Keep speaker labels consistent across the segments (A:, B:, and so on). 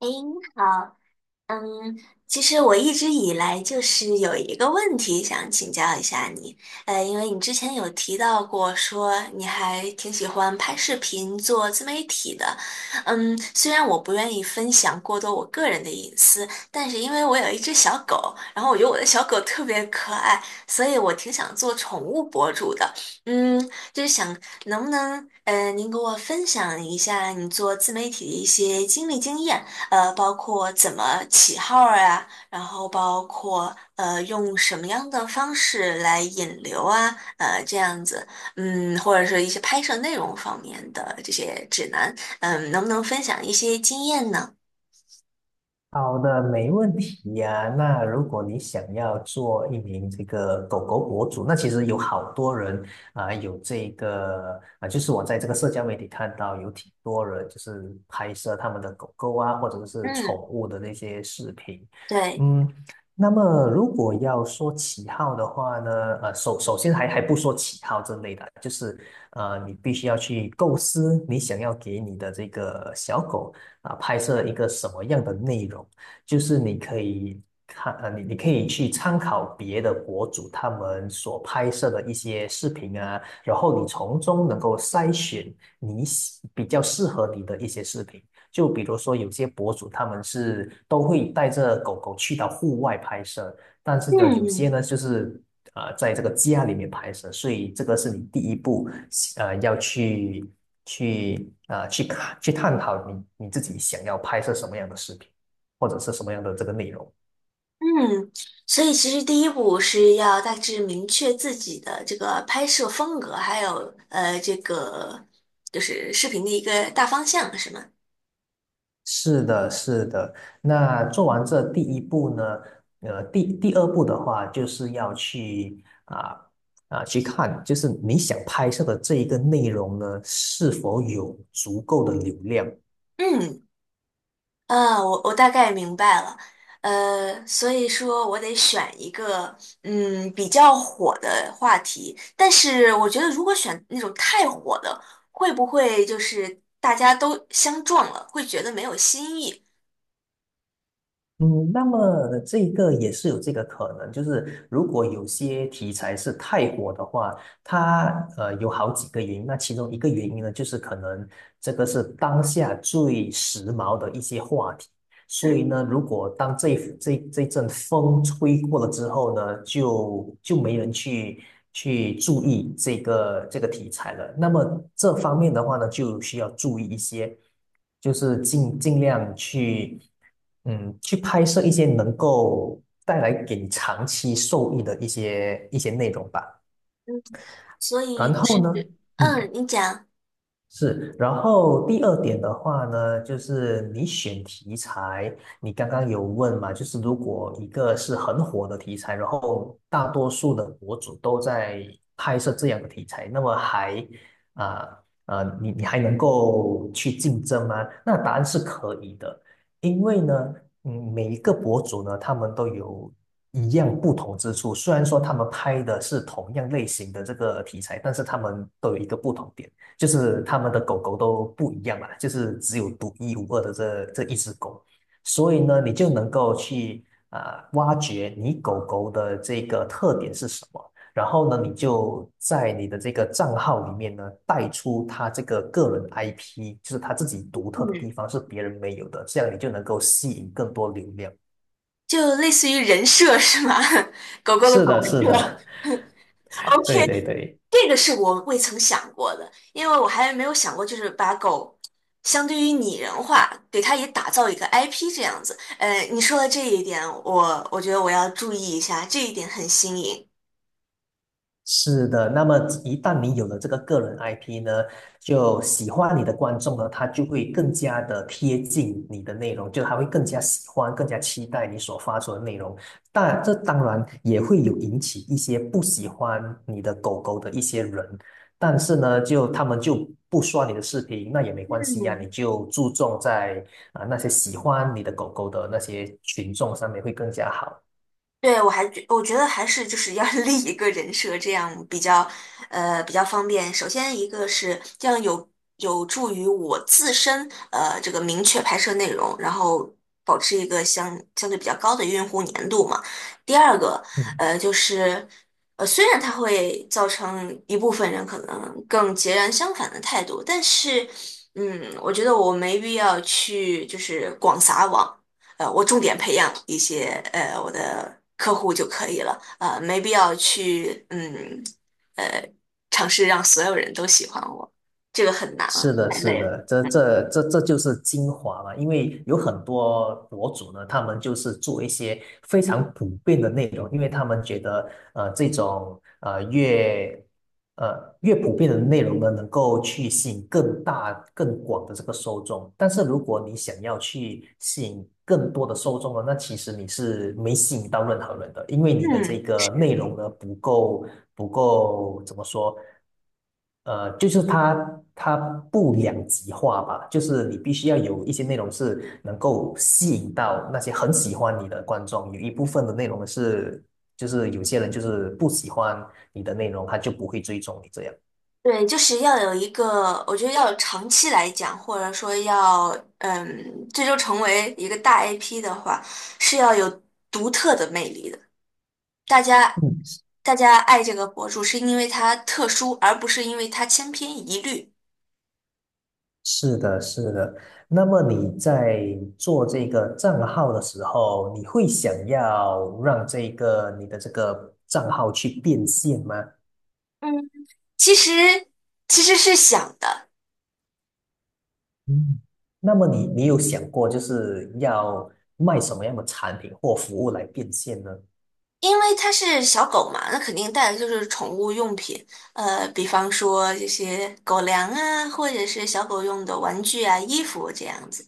A: 您好。嗯，其实我一直以来就是有一个问题想请教一下你，因为你之前有提到过说你还挺喜欢拍视频做自媒体的。虽然我不愿意分享过多我个人的隐私，但是因为我有一只小狗，然后我觉得我的小狗特别可爱，所以我挺想做宠物博主的。嗯，就是想能不能，您给我分享一下你做自媒体的一些经历经验。包括怎么起号儿啊，然后包括用什么样的方式来引流啊，这样子。或者是一些拍摄内容方面的这些指南。能不能分享一些经验呢？
B: 好的，没问题呀、那如果你想要做一名这个狗狗博主，那其实有好多人啊、有这个啊、就是我在这个社交媒体看到有挺多人就是拍摄他们的狗狗啊，或者是宠
A: 嗯，
B: 物的那些视频。
A: 对，
B: 嗯，那么如果要说起号的话呢，首先还不说起号之类的，就是你必须要去构思你想要给你的这个小狗。啊拍摄一个什么样的内容，就是你可以看你可以去参考别的博主他们所拍摄的一些视频啊，然后你从中能够筛选你喜比较适合你的一些视频。就比如说有些博主他们是都会带着狗狗去到户外拍摄，但是呢，有
A: 嗯
B: 些呢就是啊、在这个家里面拍摄，所以这个是你第一步，要去去啊、去看去探讨你自己想要拍摄什么样的视频，或者是什么样的这个内容。
A: 嗯。所以其实第一步是要大致明确自己的这个拍摄风格，还有这个就是视频的一个大方向，是吗？
B: 是的，是的。那做完这第一步呢，第二步的话，就是要去啊啊、去看，就是你想拍摄的这一个内容呢，是否有足够的流量。
A: 嗯。嗯，我大概明白了。所以说我得选一个比较火的话题，但是我觉得如果选那种太火的，会不会就是大家都相撞了，会觉得没有新意？
B: 嗯，那么这个也是有这个可能，就是如果有些题材是太火的话，它有好几个原因。那其中一个原因呢，就是可能这个是当下最时髦的一些话题。所
A: 嗯，
B: 以呢，如果当这一阵风吹过了之后呢，就没人去去注意这个题材了。那么这方面的话呢，就需要注意一些，就是尽量去去拍摄一些能够带来给你长期受益的一些内容吧。
A: 所
B: 然
A: 以就
B: 后
A: 是，
B: 呢，嗯。
A: 嗯，你讲。
B: 是，然后第二点的话呢，就是你选题材，你刚刚有问嘛，就是如果一个是很火的题材，然后大多数的博主都在拍摄这样的题材，那么还啊啊，你还能够去竞争吗？那答案是可以的，因为呢，嗯，每一个博主呢，他们都有。一样不同之处，虽然说他们拍的是同样类型的这个题材，但是他们都有一个不同点。就是他们的狗狗都不一样嘛，就是只有独一无二的这一只狗，所以呢，你就能够去啊、挖掘你狗狗的这个特点是什么，然后呢，你就在你的这个账号里面呢带出它这个个人 IP，就是它自己独特的地
A: 嗯，
B: 方是别人没有的，这样你就能够吸引更多流量。
A: 就类似于人设是吗？狗狗的
B: 是
A: 狗
B: 的，是
A: 设
B: 的，对
A: ，OK，
B: 对对。
A: 这个是我未曾想过的，因为我还没有想过，就是把狗相对于拟人化，给它也打造一个 IP 这样子。你说的这一点，我觉得我要注意一下，这一点很新颖。
B: 是的，那么一旦你有了这个个人 IP 呢，就喜欢你的观众呢，他就会更加的贴近你的内容，就他会更加喜欢、更加期待你所发出的内容。但这当然也会有引起一些不喜欢你的狗狗的一些人，但是呢，就他们就不刷你的视频，那也没关系呀、
A: 嗯。
B: 你就注重在啊、那些喜欢你的狗狗的那些群众上面会更加好。
A: 对，我觉得还是就是要 立一个人设，这样比较比较方便。首先一个是这样有助于我自身这个明确拍摄内容，然后保持一个相对比较高的用户粘度嘛。第二个
B: 嗯。
A: 就是虽然它会造成一部分人可能更截然相反的态度，但是我觉得我没必要去就是广撒网。我重点培养一些我的客户就可以了。没必要去呃尝试让所有人都喜欢我，这个很难啊，
B: 是的，
A: 太
B: 是
A: 累了。
B: 的，这就是精华嘛，因为有很多博主呢，他们就是做一些非常普遍的内容，因为他们觉得，这种越普遍的内容呢，能够去吸引更大、更广的这个受众。但是如果你想要去吸引更多的受众呢，那其实你是没吸引到任何人的，因为你的这
A: 嗯，
B: 个内
A: 是。
B: 容呢不够怎么说？就是它不两极化吧，就是你必须要有一些内容是能够吸引到那些很喜欢你的观众，有一部分的内容是就是有些人就是不喜欢你的内容，他就不会追踪你这样。
A: 对，就是要有一个，我觉得要有长期来讲，或者说要，最终成为一个大 IP 的话，是要有独特的魅力的。大家，
B: 嗯，
A: 大家爱这个博主是因为他特殊，而不是因为他千篇一律。
B: 是的，是的。那么你在做这个账号的时候，你会想要让这个你的这个账号去变现吗？
A: 嗯。其实其实是想的，
B: 嗯那么你有想过就是要卖什么样的产品或服务来变现呢？
A: 因为它是小狗嘛，那肯定带的就是宠物用品，比方说这些狗粮啊，或者是小狗用的玩具啊、衣服这样子。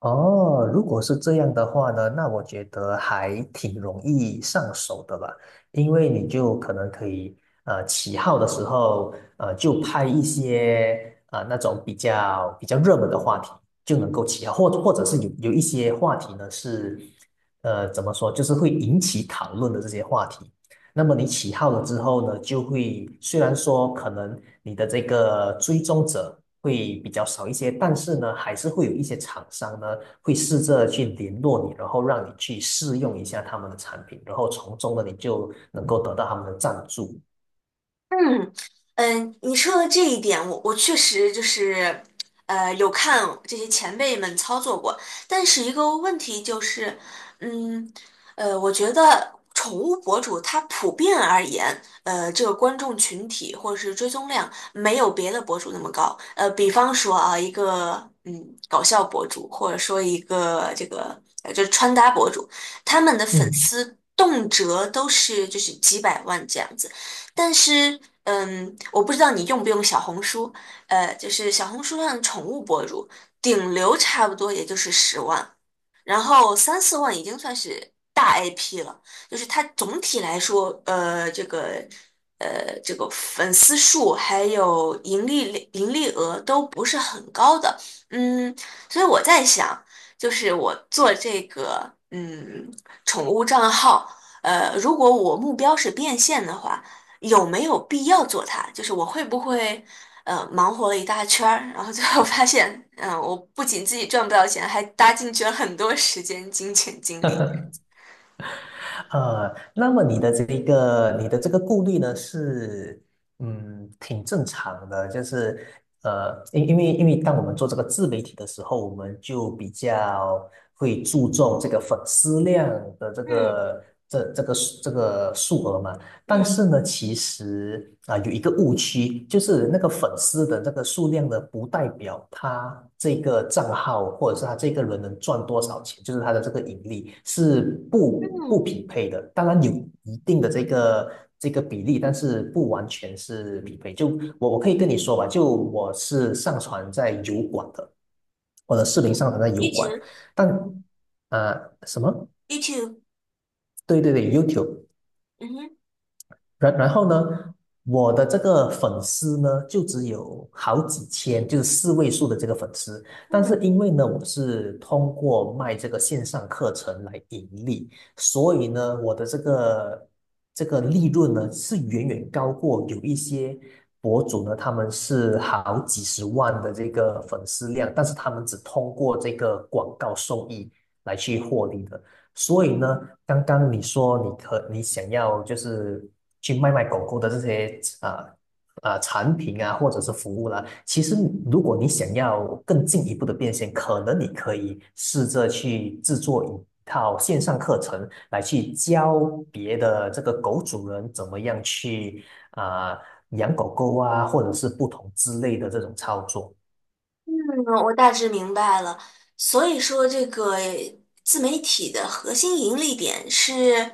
B: 哦，如果是这样的话呢，那我觉得还挺容易上手的吧，因为你就可能可以，起号的时候，就拍一些啊、那种比较热门的话题，就能够起号，或者是有一些话题呢是，怎么说，就是会引起讨论的这些话题，那么你起号了之后呢，就会虽然说可能你的这个追踪者会比较少一些，但是呢，还是会有一些厂商呢会试着去联络你，然后让你去试用一下他们的产品，然后从中呢你就能够得到他们的赞助。
A: 嗯嗯。你说的这一点，我确实就是，有看这些前辈们操作过，但是一个问题就是，嗯，我觉得宠物博主他普遍而言，这个观众群体或者是追踪量没有别的博主那么高。比方说啊，一个搞笑博主，或者说一个这个就是穿搭博主，他们的粉
B: 嗯。
A: 丝动辄都是就是几百万这样子。但是，我不知道你用不用小红书。就是小红书上的宠物博主，顶流差不多也就是10万，然后3、4万已经算是大 IP 了，就是它总体来说，这个这个粉丝数还有盈利额都不是很高的。嗯，所以我在想，就是我做这个宠物账号，如果我目标是变现的话，有没有必要做它？就是我会不会？忙活了一大圈儿，然后最后发现，我不仅自己赚不到钱，还搭进去了很多时间、金钱、精力。
B: 那么你的这一个，你的这个顾虑呢，是嗯，挺正常的，就是因为当我们做这个自媒体的时候，我们就比较会注重这个粉丝量的这
A: 嗯
B: 个这这个这个数额嘛，但
A: 嗯
B: 是呢，其实啊、有一个误区，就是那个粉丝的这个数量呢，不代表他这个账号或者是他这个人能赚多少钱，就是他的这个盈利是不不
A: 嗯
B: 匹配的。当然有一定的这个比例，但是不完全是匹配。就我可以跟你说吧，就我是上传在油管的，我的
A: 嗯
B: 视频
A: o
B: 上传在油
A: u
B: 管，
A: too
B: 但啊什么？
A: me too。
B: 对对对，YouTube。
A: 嗯哼。
B: 然后呢，我的这个粉丝呢，就只有好几千，就是四位数的这个粉丝。但是
A: 嗯
B: 因为呢，我是通过卖这个线上课程来盈利，所以呢，我的这个这个利润呢，是远远高过有一些博主呢，他们是好几十万的这个粉丝量，但是他们只通过这个广告收益来去获利的。所以呢，刚刚你说你想要就是去卖狗狗的这些啊啊、产品啊，或者是服务啦，其实如果你想要更进一步的变现，可能你可以试着去制作一套线上课程，来去教别的这个狗主人怎么样去啊、养狗狗啊，或者是不同之类的这种操作。
A: 嗯，我大致明白了。所以说，这个自媒体的核心盈利点是，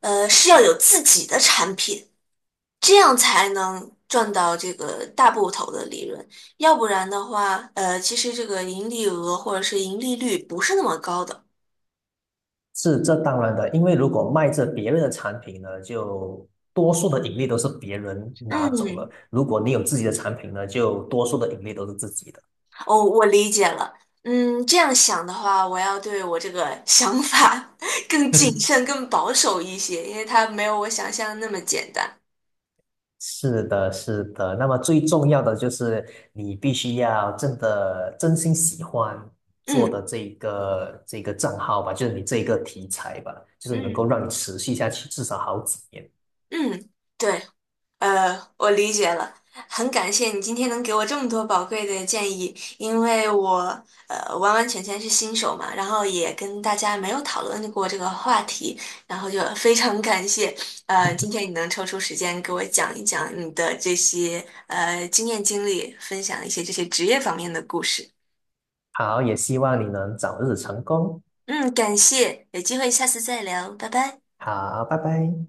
A: 是要有自己的产品。这样才能赚到这个大部头的利润，要不然的话，其实这个盈利额或者是盈利率不是那么高的。
B: 是这当然的，因为如果卖着别人的产品呢，就多数的盈利都是别人拿走了；
A: 嗯，
B: 如果你有自己的产品呢，就多数的盈利都是自己的。
A: 哦，我理解了。这样想的话，我要对我这个想法 更谨 慎、更保守一些，因为它没有我想象的那么简单。
B: 是的，是的。那么最重要的就是你必须要真的真心喜欢做
A: 嗯
B: 的这个账号吧，就是你这个题材吧，就是能够
A: 嗯
B: 让你持续下去至少好几年。
A: 嗯，对。我理解了，很感谢你今天能给我这么多宝贵的建议，因为我完完全全是新手嘛，然后也跟大家没有讨论过这个话题，然后就 非常感谢今天你能抽出时间给我讲一讲你的这些经验经历，分享一些这些职业方面的故事。
B: 好，也希望你能早日成功。
A: 嗯，感谢，有机会下次再聊，拜拜。
B: 好，拜拜。